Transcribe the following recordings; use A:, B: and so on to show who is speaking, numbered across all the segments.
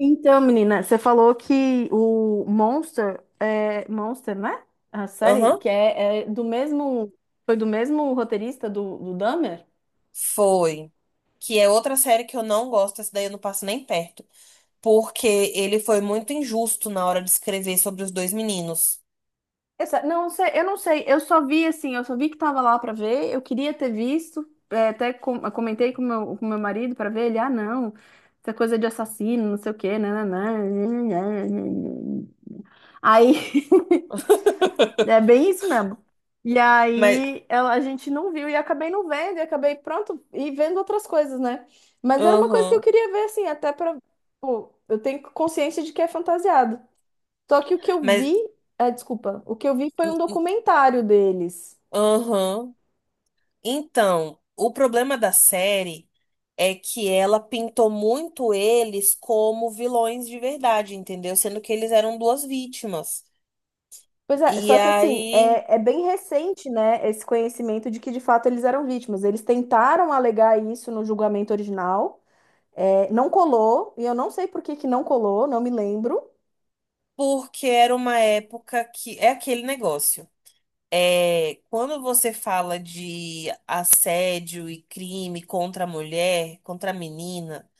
A: Então, menina, você falou que o Monster é Monster, né? A série
B: Aham,
A: que é, é do mesmo foi do mesmo roteirista do Dahmer?
B: foi. Que é outra série que eu não gosto, essa daí eu não passo nem perto. Porque ele foi muito injusto na hora de escrever sobre os dois meninos.
A: Essa, não sei, eu não sei. Eu só vi que tava lá pra ver. Eu queria ter visto, até comentei com meu marido pra ver ele. Ah, não, essa coisa de assassino, não sei o quê, né? Né, né, né, né, né, né. Aí É bem isso mesmo. E
B: Mas,
A: aí a gente não viu e acabei não vendo, e acabei pronto e vendo outras coisas, né? Mas era uma coisa que eu
B: aham,
A: queria ver, assim, até pra. Pô, eu tenho consciência de que é fantasiado. Só que o que eu
B: mas,
A: vi, desculpa, o que eu vi foi um documentário deles.
B: aham. Então, o problema da série é que ela pintou muito eles como vilões de verdade, entendeu? Sendo que eles eram duas vítimas.
A: Pois é,
B: E
A: só que assim,
B: aí,
A: é bem recente, né, esse conhecimento de que de fato eles eram vítimas. Eles tentaram alegar isso no julgamento original, não colou, e eu não sei por que que não colou, não me lembro.
B: porque era uma época que é aquele negócio. É, quando você fala de assédio e crime contra a mulher, contra a menina,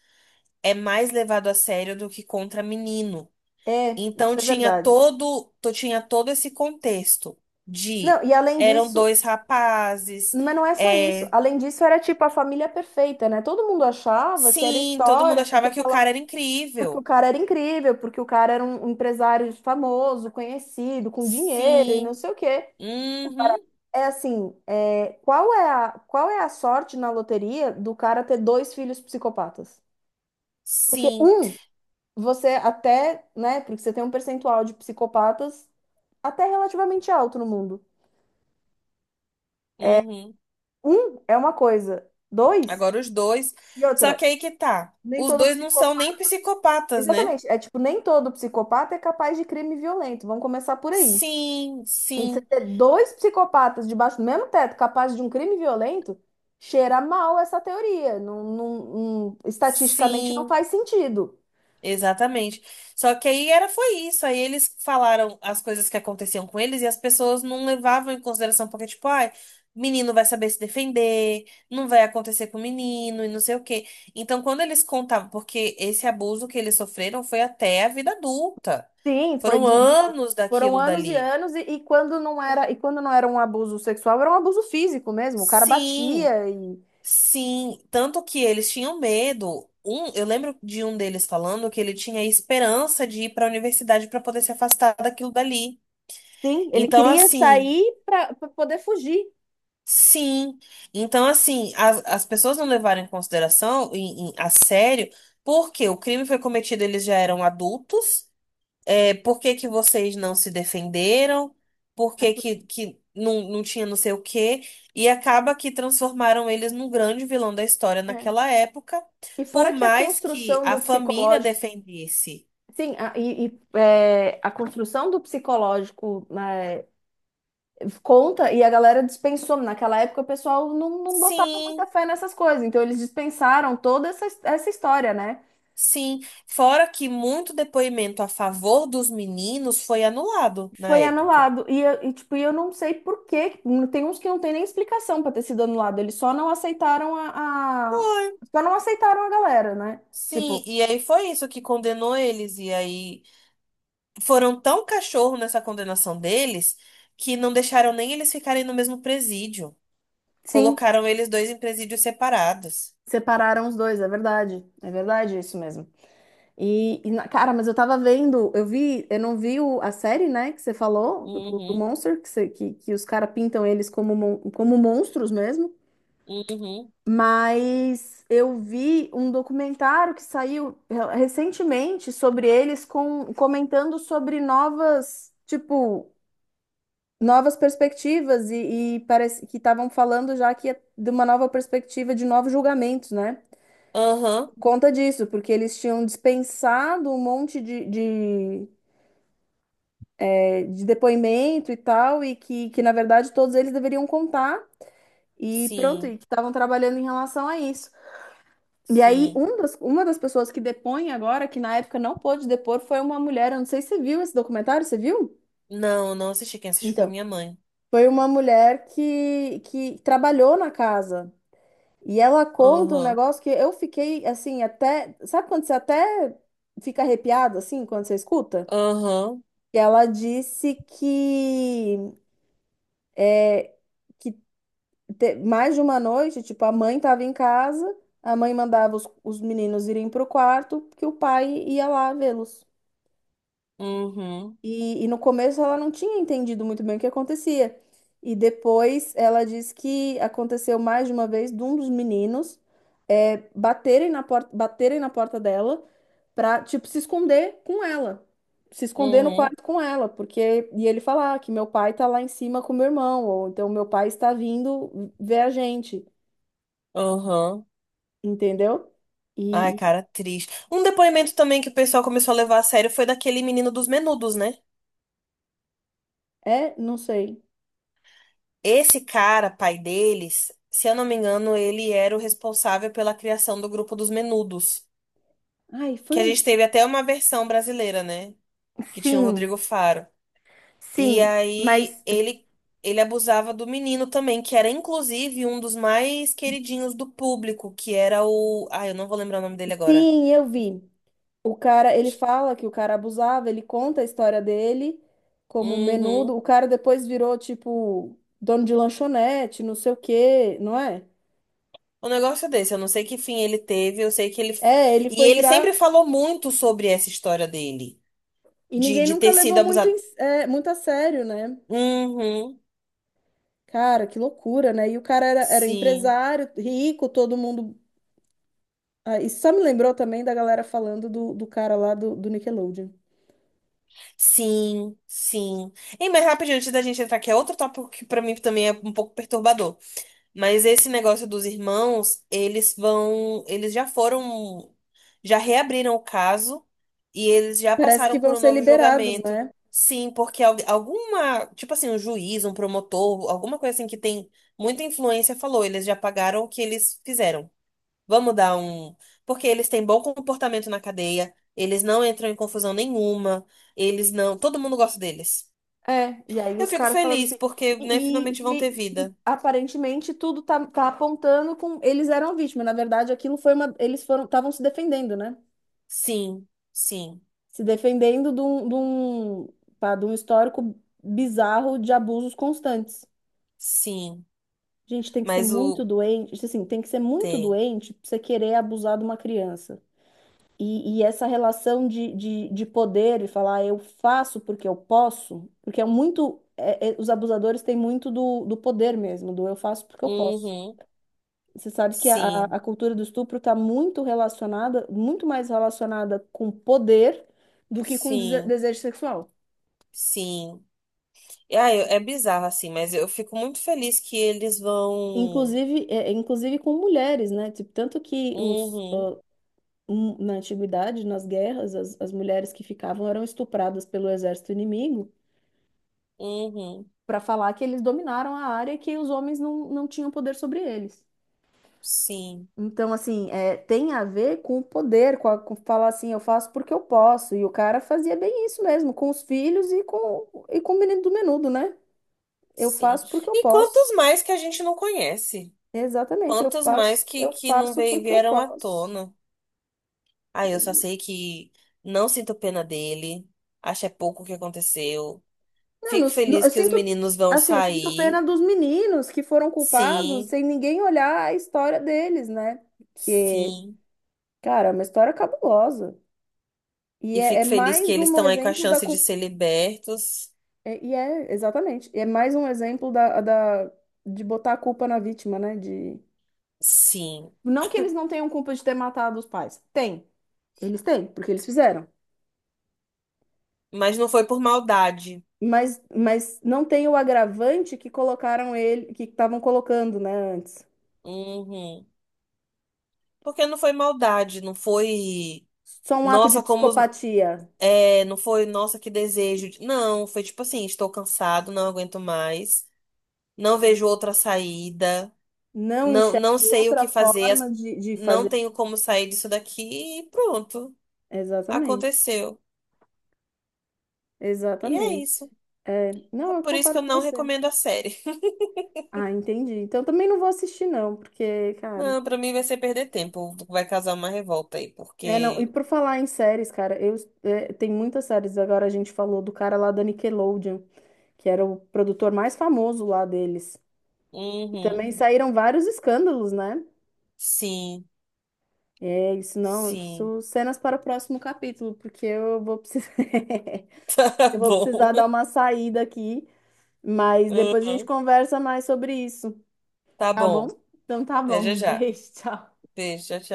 B: é mais levado a sério do que contra menino.
A: É,
B: Então
A: isso é verdade.
B: tinha todo esse contexto de
A: Não, e além
B: eram
A: disso,
B: dois rapazes,
A: mas não é só isso.
B: é,
A: Além disso, era tipo a família perfeita, né? Todo mundo achava que era
B: sim, todo mundo
A: história, porque
B: achava que o
A: aquela,
B: cara era
A: porque o
B: incrível.
A: cara era incrível, porque o cara era um empresário famoso, conhecido, com dinheiro e não
B: Sim,
A: sei o quê.
B: uhum,
A: É assim, qual é a sorte na loteria do cara ter dois filhos psicopatas? Porque
B: sim,
A: um, você até, né? Porque você tem um percentual de psicopatas até relativamente alto no mundo.
B: uhum.
A: Um é uma coisa, dois
B: Agora os dois.
A: e
B: Só
A: outra.
B: que aí que tá.
A: Nem
B: Os
A: todo
B: dois não são
A: psicopata.
B: nem psicopatas, né?
A: Exatamente. É tipo, nem todo psicopata é capaz de crime violento. Vamos começar por aí.
B: Sim,
A: E você
B: sim,
A: ter dois psicopatas debaixo do mesmo teto capazes de um crime violento, cheira mal essa teoria. Não, estatisticamente não
B: sim,
A: faz sentido.
B: exatamente. Só que aí era foi isso. Aí eles falaram as coisas que aconteciam com eles e as pessoas não levavam em consideração, porque, tipo, ai, menino vai saber se defender, não vai acontecer com o menino e não sei o quê. Então, quando eles contavam, porque esse abuso que eles sofreram foi até a vida adulta.
A: Sim,
B: Foram anos
A: foram
B: daquilo
A: anos e
B: dali.
A: anos, e quando não era, e quando não era um abuso sexual, era um abuso físico mesmo. O cara
B: Sim.
A: batia e
B: Sim, tanto que eles tinham medo. Um, eu lembro de um deles falando que ele tinha esperança de ir para a universidade para poder se afastar daquilo dali.
A: sim, ele
B: Então,
A: queria
B: assim,
A: sair para poder fugir.
B: sim. Então, assim, as pessoas não levaram em consideração, a sério, porque o crime foi cometido, eles já eram adultos. É, por que que vocês não se defenderam? Por que que não, não tinha não sei o quê? E acaba que transformaram eles num grande vilão da história
A: É.
B: naquela época,
A: E
B: por
A: fora que a
B: mais que
A: construção
B: a
A: do
B: família
A: psicológico,
B: defendesse.
A: sim, a, e, é, a construção do psicológico né, conta e a galera dispensou. Naquela época o pessoal não botava muita
B: Sim,
A: fé nessas coisas, então eles dispensaram toda essa história, né?
B: sim. Fora que muito depoimento a favor dos meninos foi anulado na
A: Foi
B: época.
A: anulado. E eu não sei por quê. Tem uns que não tem nem explicação para ter sido anulado. Eles só não aceitaram a.
B: Foi.
A: Só não aceitaram a galera, né?
B: Sim,
A: Tipo,
B: e aí foi isso que condenou eles. E aí, foram tão cachorro nessa condenação deles que não deixaram nem eles ficarem no mesmo presídio.
A: sim,
B: Colocaram eles dois em presídios separados.
A: separaram os dois, é verdade. É verdade isso mesmo. E cara, mas eu tava vendo, eu vi, eu não vi a série, né, que você falou, do
B: Uhum,
A: Monster, que os caras pintam eles como monstros mesmo.
B: uhum,
A: Mas eu vi um documentário que saiu recentemente sobre eles comentando sobre novas perspectivas e parece que estavam falando já que é de uma nova perspectiva de novos julgamentos, né?
B: aham,
A: Conta disso, porque eles tinham dispensado um monte de depoimento e tal, e que na verdade todos eles deveriam contar, e pronto,
B: sim,
A: e que estavam trabalhando em relação a isso. E aí,
B: sim.
A: uma das pessoas que depõe agora, que na época não pôde depor, foi uma mulher. Eu não sei se você viu esse documentário, você viu?
B: Não, não assisti. Quem assistiu foi
A: Então,
B: minha mãe.
A: foi uma mulher que trabalhou na casa. E ela conta um
B: Aham,
A: negócio que eu fiquei assim, até. Sabe quando você até fica arrepiado assim, quando você escuta?
B: aham,
A: E ela disse que mais de uma noite, tipo, a mãe estava em casa, a mãe mandava os meninos irem para o quarto, que o pai ia lá vê-los.
B: uhum,
A: E no começo ela não tinha entendido muito bem o que acontecia. E depois ela disse que aconteceu mais de uma vez de um dos meninos baterem na porta dela para, tipo, se esconder com ela. Se esconder no
B: uhum,
A: quarto com ela, porque. E ele falar que meu pai tá lá em cima com meu irmão, ou então meu pai está vindo ver a gente.
B: aham.
A: Entendeu?
B: Ai,
A: E
B: cara, triste. Um depoimento também que o pessoal começou a levar a sério foi daquele menino dos Menudos, né?
A: não sei.
B: Esse cara, pai deles, se eu não me engano, ele era o responsável pela criação do grupo dos Menudos,
A: Ai, foi
B: que a
A: um.
B: gente teve até uma versão brasileira, né? Que tinha o
A: Sim,
B: Rodrigo Faro. E
A: sim,
B: aí
A: mas
B: ele abusava do menino também, que era inclusive um dos mais queridinhos do público, que era o, ah, eu não vou lembrar o nome dele agora.
A: sim, eu vi. O cara, ele fala que o cara abusava, ele conta a história dele como menudo.
B: Uhum.
A: O cara depois virou, tipo, dono de lanchonete, não sei o quê, não é?
B: Um negócio desse, eu não sei que fim ele teve, eu sei que ele
A: É, ele
B: e
A: foi
B: ele sempre
A: virar.
B: falou muito sobre essa história dele,
A: E
B: de,
A: ninguém
B: de
A: nunca
B: ter sido
A: levou
B: abusado.
A: muito a sério, né?
B: Uhum.
A: Cara, que loucura, né? E o cara era
B: Sim,
A: empresário, rico, todo mundo. Ah, isso só me lembrou também da galera falando do cara lá do Nickelodeon.
B: sim, sim. E mais rapidinho, antes da gente entrar, que é outro tópico que pra mim também é um pouco perturbador. Mas esse negócio dos irmãos, eles vão, eles já foram, já reabriram o caso e eles já
A: Parece que
B: passaram por
A: vão
B: um
A: ser
B: novo
A: liberados,
B: julgamento.
A: né?
B: Sim, porque alguma, tipo assim, um juiz, um promotor, alguma coisa assim que tem muita influência falou, eles já pagaram o que eles fizeram. Vamos dar um. Porque eles têm bom comportamento na cadeia, eles não entram em confusão nenhuma, eles não. Todo mundo gosta deles.
A: É, e aí
B: Eu
A: os
B: fico
A: caras falaram
B: feliz
A: assim,
B: porque, né,
A: e,
B: finalmente vão ter
A: e- e
B: vida.
A: aparentemente tudo tá apontando com eles eram vítimas. Na verdade, aquilo foi uma. Eles foram, estavam se defendendo, né?
B: Sim, sim,
A: Se defendendo de um histórico bizarro de abusos constantes.
B: sim.
A: Gente, tem que ser
B: Mas
A: muito
B: o.
A: doente, assim, tem que ser muito
B: Tem.
A: doente pra você querer abusar de uma criança. E essa relação de poder e falar "Ah, eu faço porque eu posso, porque é muito. Os abusadores têm muito do poder mesmo, do eu faço porque eu posso.
B: Uhum.
A: Você sabe que a,
B: Sim,
A: a cultura do estupro está muito relacionada, muito mais relacionada com poder do que com
B: sim,
A: desejo sexual.
B: sim. E, ah, é bizarro assim, mas eu fico muito feliz que eles vão.
A: Inclusive, inclusive com mulheres, né? Tipo, tanto que
B: Uhum,
A: na antiguidade, nas guerras, as mulheres que ficavam eram estupradas pelo exército inimigo.
B: uhum.
A: Para falar que eles dominaram a área e que os homens não tinham poder sobre eles.
B: Sim,
A: Então, assim, tem a ver com o poder, com falar assim, eu faço porque eu posso. E o cara fazia bem isso mesmo, com os filhos e com o menino do menudo, né? Eu
B: sim.
A: faço porque eu
B: E
A: posso.
B: quantos mais que a gente não conhece?
A: Exatamente, eu
B: Quantos mais
A: faço, eu
B: que não
A: faço
B: veio-
A: porque eu
B: vieram à
A: posso.
B: tona? Ah, eu só sei que não sinto pena dele. Acho é pouco o que aconteceu.
A: Não,
B: Fico feliz que os meninos vão
A: assim, eu sinto pena
B: sair.
A: dos meninos que foram culpados
B: Sim,
A: sem ninguém olhar a história deles, né? Porque,
B: sim.
A: cara, é uma história cabulosa. E
B: E
A: é
B: fico feliz que
A: mais
B: eles
A: um
B: estão aí com a
A: exemplo da
B: chance de
A: culpa.
B: ser libertos.
A: Exatamente. É mais um exemplo de botar a culpa na vítima, né? De.
B: Sim.
A: Não que eles não tenham culpa de ter matado os pais. Tem. Eles têm, porque eles fizeram.
B: Mas não foi por maldade.
A: Mas não tem o agravante que colocaram ele, que estavam colocando, né, antes.
B: Uhum. Porque não foi maldade, não foi.
A: Só um ato de
B: Nossa, como. Os-
A: psicopatia.
B: É, não foi, nossa, que desejo. De-" Não, foi tipo assim, estou cansado, não aguento mais. Não vejo outra saída,
A: Não
B: não,
A: enxerga
B: não sei o
A: outra
B: que fazer,
A: forma
B: as-
A: de
B: não
A: fazer.
B: tenho como sair disso daqui e pronto,
A: Exatamente.
B: aconteceu. E é
A: Exatamente.
B: isso.
A: É,
B: É
A: não, eu
B: por isso que
A: concordo
B: eu
A: com
B: não
A: você.
B: recomendo a série.
A: Ah, entendi. Então também não vou assistir, não, porque, cara.
B: Não, pra mim vai ser perder tempo, vai causar uma revolta aí,
A: É, não. E
B: porque.
A: por falar em séries, cara, tem muitas séries. Agora a gente falou do cara lá da Nickelodeon, que era o produtor mais famoso lá deles. E
B: Uhum,
A: também saíram vários escândalos, né?
B: sim,
A: É, isso não,
B: sim.
A: isso cenas para o próximo capítulo, porque eu vou precisar,
B: Tá
A: eu vou precisar dar
B: bom.
A: uma saída aqui, mas depois a gente
B: Uhum,
A: conversa mais sobre isso,
B: tá
A: tá bom?
B: bom.
A: Então tá
B: Até
A: bom,
B: já
A: um
B: já.
A: beijo, tchau.
B: Beijo, tchau, tchau.